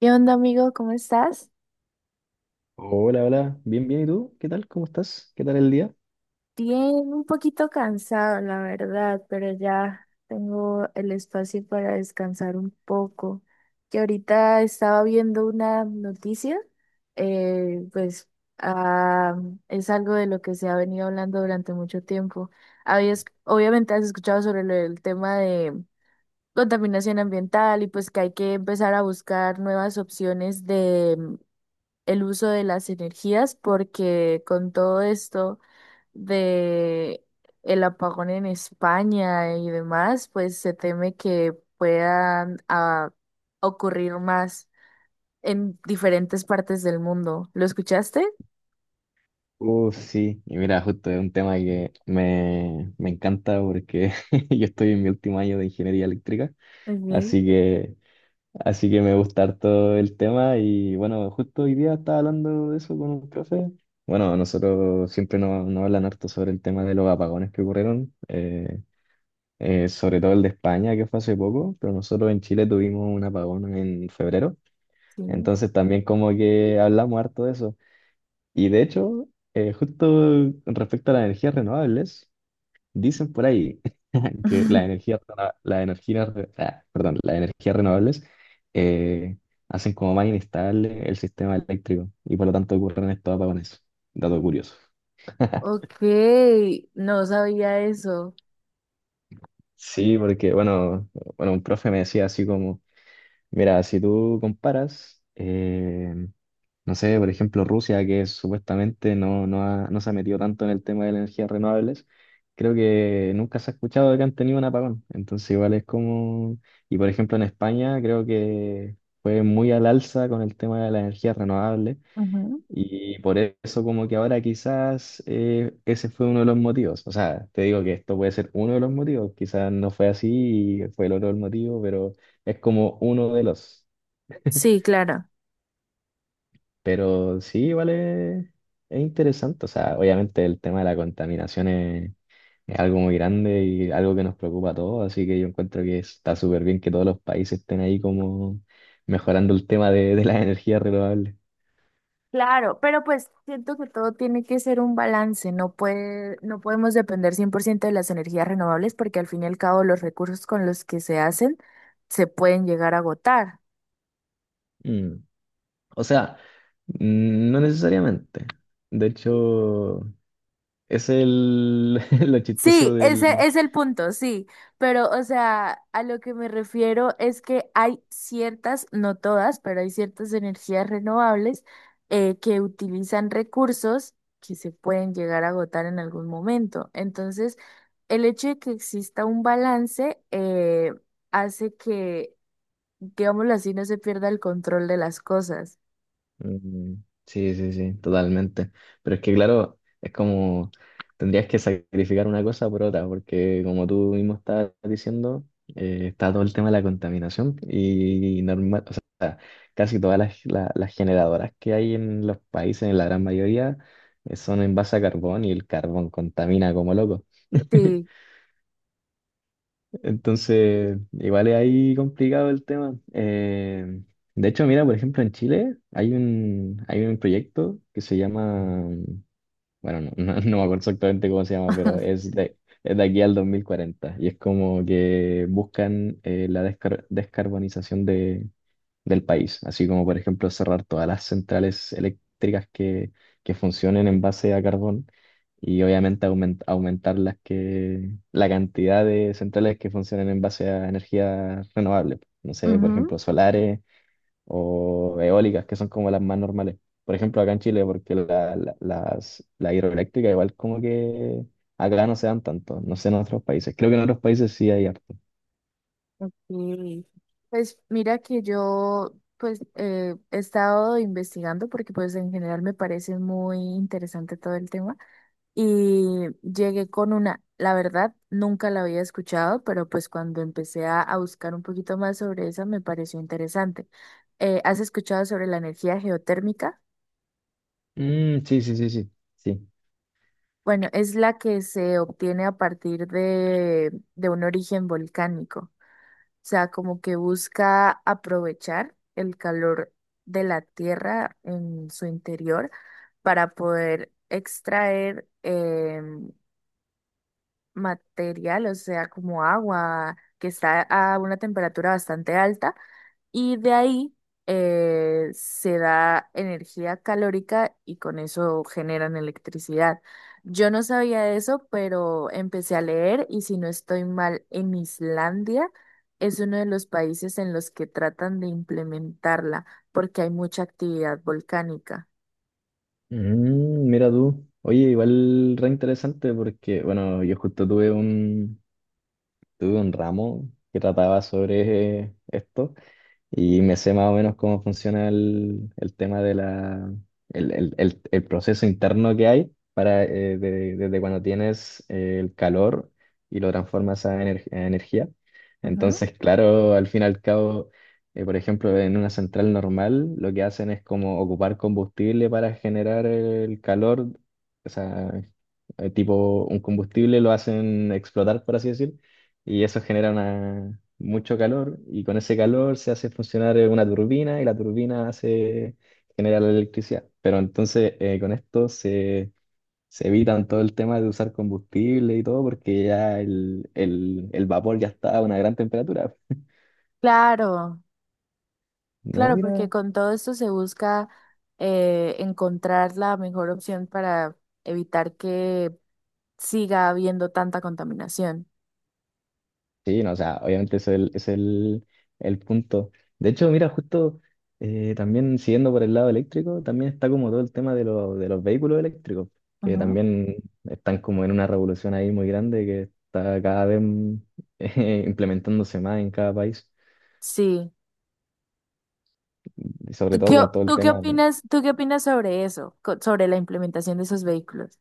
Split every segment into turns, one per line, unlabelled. ¿Qué onda, amigo? ¿Cómo estás?
Hola, hola, bien, bien, ¿y tú? ¿Qué tal? ¿Cómo estás? ¿Qué tal el día?
Bien, un poquito cansado, la verdad, pero ya tengo el espacio para descansar un poco. Que ahorita estaba viendo una noticia, pues ah, es algo de lo que se ha venido hablando durante mucho tiempo. Habías, obviamente has escuchado sobre lo del tema de contaminación ambiental y pues que hay que empezar a buscar nuevas opciones de el uso de las energías porque con todo esto de el apagón en España y demás, pues se teme que puedan ocurrir más en diferentes partes del mundo. ¿Lo escuchaste?
Sí, y mira, justo es un tema que me encanta porque yo estoy en mi último año de ingeniería eléctrica,
Ok,
así que, así que me gusta harto el tema y bueno, justo hoy día estaba hablando de eso con un profe. Bueno, a nosotros siempre nos hablan harto sobre el tema de los apagones que ocurrieron, sobre todo el de España que fue hace poco, pero nosotros en Chile tuvimos un apagón en febrero.
sí.
Entonces también como que hablamos harto de eso. Y de hecho, justo respecto a las energías renovables, dicen por ahí que las energías, rena- las energías, re- ah, perdón, las energías renovables eh, hacen como más inestable el sistema eléctrico y por lo tanto ocurren estos apagones. Dato curioso.
Ok, no sabía eso.
Sí, porque bueno, un profe me decía así como, mira, si tú comparas, no sé, por ejemplo, Rusia, que supuestamente no se ha metido tanto en el tema de las energías renovables, creo que nunca se ha escuchado de que han tenido un apagón. Entonces, igual es como... Y por ejemplo, en España creo que fue muy al alza con el tema de las energías renovables
Ujú.
y por eso como que ahora quizás ese fue uno de los motivos. O sea, te digo que esto puede ser uno de los motivos, quizás no fue así y fue el otro el motivo, pero es como uno de los...
Sí, claro.
Pero sí, es interesante. O sea, obviamente el tema de la contaminación es algo muy grande y algo que nos preocupa a todos. Así que yo encuentro que está súper bien que todos los países estén ahí como mejorando el tema de las energías renovables.
Claro, pero pues siento que todo tiene que ser un balance, no puede, no podemos depender 100% de las energías renovables porque al fin y al cabo los recursos con los que se hacen se pueden llegar a agotar.
Mm. O sea, no necesariamente. De hecho, es el, lo chistoso
Sí, ese
del,
es el punto, sí, pero o sea, a lo que me refiero es que hay ciertas, no todas, pero hay ciertas energías renovables que utilizan recursos que se pueden llegar a agotar en algún momento. Entonces, el hecho de que exista un balance hace que, digámoslo así, no se pierda el control de las cosas.
mm, sí, sí, sí, totalmente. Pero es que, claro, es como tendrías que sacrificar una cosa por otra, porque como tú mismo estabas diciendo, está todo el tema de la contaminación y normal, o sea, casi todas las generadoras que hay en los países, en la gran mayoría, son en base a carbón y el carbón contamina como loco.
Sí.
Entonces, igual es ahí complicado el tema. De hecho, mira, por ejemplo, en Chile hay un proyecto que se llama, bueno, no, no me acuerdo exactamente cómo se llama, pero es de aquí al 2040 y es como que buscan la descarbonización de, del país, así como por ejemplo cerrar todas las centrales eléctricas que funcionen en base a carbón y obviamente aumentar la cantidad de centrales que funcionen en base a energía renovable, no sé, por
Ujú.
ejemplo, solares o eólicas, que son como las más normales. Por ejemplo, acá en Chile, porque la hidroeléctrica igual como que acá no se dan tanto, no sé en otros países. Creo que en otros países sí hay harto.
Ok. Pues mira que yo pues he estado investigando porque pues en general me parece muy interesante todo el tema y llegué con una, la verdad nunca la había escuchado, pero pues cuando empecé a buscar un poquito más sobre esa me pareció interesante. ¿has escuchado sobre la energía geotérmica?
Mm, sí, sí, sí, sí. Sí.
Bueno, es la que se obtiene a partir de un origen volcánico. Sea, como que busca aprovechar el calor de la tierra en su interior para poder extraer material, o sea, como agua que está a una temperatura bastante alta y de ahí se da energía calórica y con eso generan electricidad. Yo no sabía eso, pero empecé a leer y si no estoy mal, en Islandia es uno de los países en los que tratan de implementarla porque hay mucha actividad volcánica.
Mm, mira tú. Oye, igual re interesante porque, bueno, yo justo tuve un ramo que trataba sobre esto. Y me sé más o menos cómo funciona el tema de el proceso interno que hay para, desde cuando tienes el calor y lo transformas a, a energía.
Ujú.
Entonces, claro, al fin y al cabo, por ejemplo, en una central normal, lo que hacen es como ocupar combustible para generar el calor, o sea, tipo un combustible lo hacen explotar, por así decir y eso mucho calor y con ese calor se hace funcionar una turbina y la turbina hace genera la electricidad. Pero entonces con se evitan todo el tema de usar combustible y todo porque ya el vapor ya está a una gran temperatura.
Claro,
No,
claro, porque
mira,
con todo esto se busca encontrar la mejor opción para evitar que siga habiendo tanta contaminación.
sí, no, o sea, obviamente es el punto. De hecho, mira, justo también siguiendo por el lado eléctrico, también está como todo el tema de, lo de los vehículos eléctricos, que
Ujú,
también están como en una revolución ahí muy grande que está cada vez implementándose más en cada país,
sí.
y sobre
¿Tú
todo
qué,
con todo el tema. De-
tú qué opinas sobre eso, sobre la implementación de esos vehículos?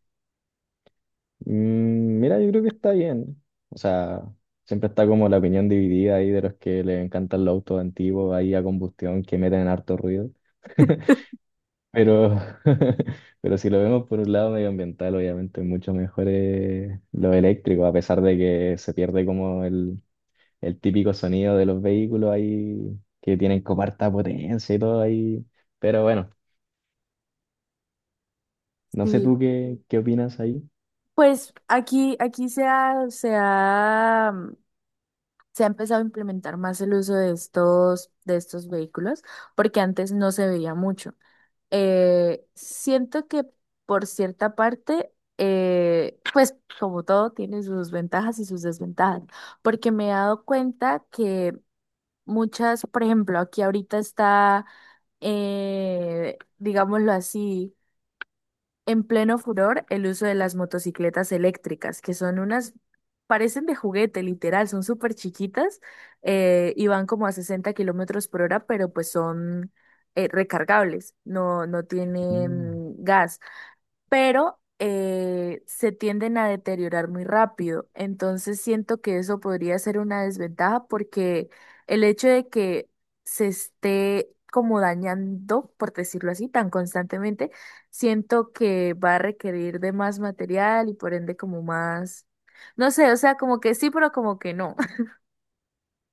Mm, mira, yo creo que está bien. O sea, siempre está como la opinión dividida ahí de los que les encantan los autos antiguos ahí a combustión que meten harto ruido. Pero, pero si lo vemos por un lado medioambiental, obviamente es mucho mejor lo eléctrico, a pesar de que se pierde como el típico sonido de los vehículos ahí, que tienen como harta potencia y todo ahí. Pero bueno, no sé
Sí,
qué opinas ahí.
pues aquí, aquí se ha empezado a implementar más el uso de estos vehículos, porque antes no se veía mucho. Siento que por cierta parte, pues como todo, tiene sus ventajas y sus desventajas, porque me he dado cuenta que muchas, por ejemplo, aquí ahorita está digámoslo así, en pleno furor el uso de las motocicletas eléctricas, que son unas, parecen de juguete, literal, son súper chiquitas y van como a 60 kilómetros por hora, pero pues son recargables, no, no
Mm.
tienen gas pero se tienden a deteriorar muy rápido. Entonces siento que eso podría ser una desventaja porque el hecho de que se esté como dañando, por decirlo así, tan constantemente, siento que va a requerir de más material y por ende como más, no sé, o sea, como que sí, pero como que no.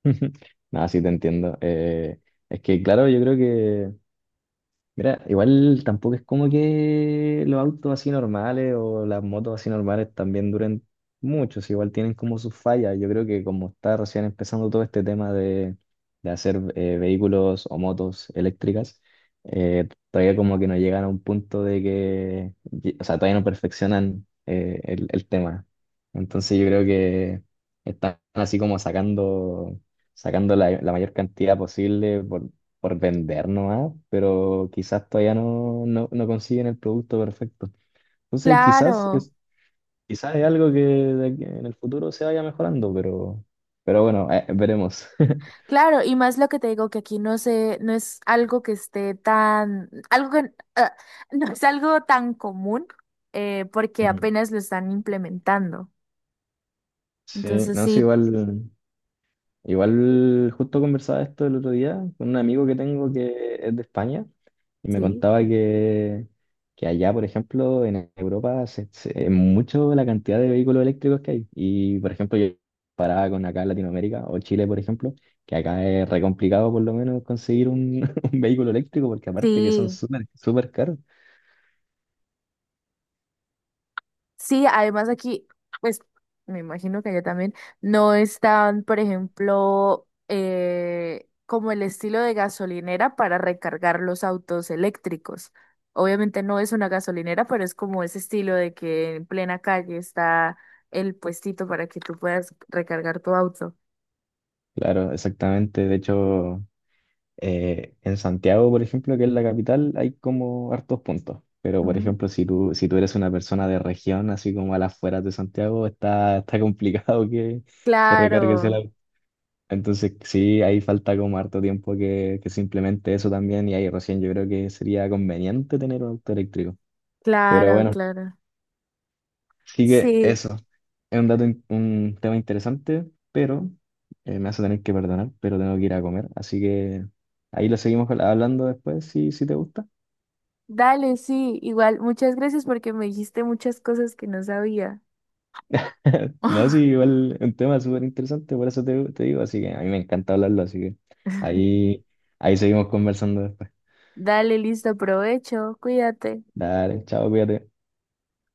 No, sí te entiendo. Es que claro, yo creo que mira, igual tampoco es como que los autos así normales o las motos así normales también duren mucho, si igual tienen como sus fallas. Yo creo que como está recién empezando todo este tema de hacer vehículos o motos eléctricas, todavía como que no llegan a un punto de que, o sea, todavía no perfeccionan el tema. Entonces yo creo que están así como sacando la mayor cantidad posible por vender nomás, pero quizás todavía no consiguen el producto perfecto. Entonces,
Claro.
quizás es algo que de en el futuro se vaya mejorando, pero bueno, veremos.
Claro, y más lo que te digo que aquí no sé, no es algo que esté tan, algo que no es algo tan común, porque
Mm.
apenas lo están implementando.
Sí,
Entonces
no sé,
sí,
igual. Igual justo conversaba esto el otro día con un amigo que tengo que es de España y me
sí,
contaba que allá, por ejemplo, en Europa es mucho la cantidad de vehículos eléctricos que hay. Y, por ejemplo, yo comparaba con acá en Latinoamérica o Chile, por ejemplo, que acá es re complicado por lo menos conseguir un, un vehículo eléctrico porque aparte que son
sí.
súper caros.
Sí, además aquí, pues me imagino que allá también no están, por ejemplo, como el estilo de gasolinera para recargar los autos eléctricos. Obviamente no es una gasolinera, pero es como ese estilo de que en plena calle está el puestito para que tú puedas recargar tu auto.
Claro, exactamente. De hecho... en Santiago, por ejemplo, que es la capital, hay como hartos puntos. Pero, por
Ujú.
ejemplo, si tú eres una persona de región, así como a las afueras de Santiago, está complicado que recargues el
Claro,
auto. Entonces, sí, ahí falta como harto tiempo que se implemente eso también y ahí recién yo creo que sería conveniente tener un auto eléctrico. Pero
claro,
bueno,
claro.
sigue
Sí,
eso. Es un un tema interesante, pero me hace tener que perdonar, pero tengo que ir a comer. Así que ahí lo seguimos hablando después, si, si te gusta.
dale, sí, igual, muchas gracias porque me dijiste muchas cosas que no sabía.
No, sí, igual es un tema súper interesante, por eso te digo. Así que a mí me encanta hablarlo, así que ahí, ahí seguimos conversando después.
Dale, listo, provecho, cuídate.
Dale, chao, cuídate.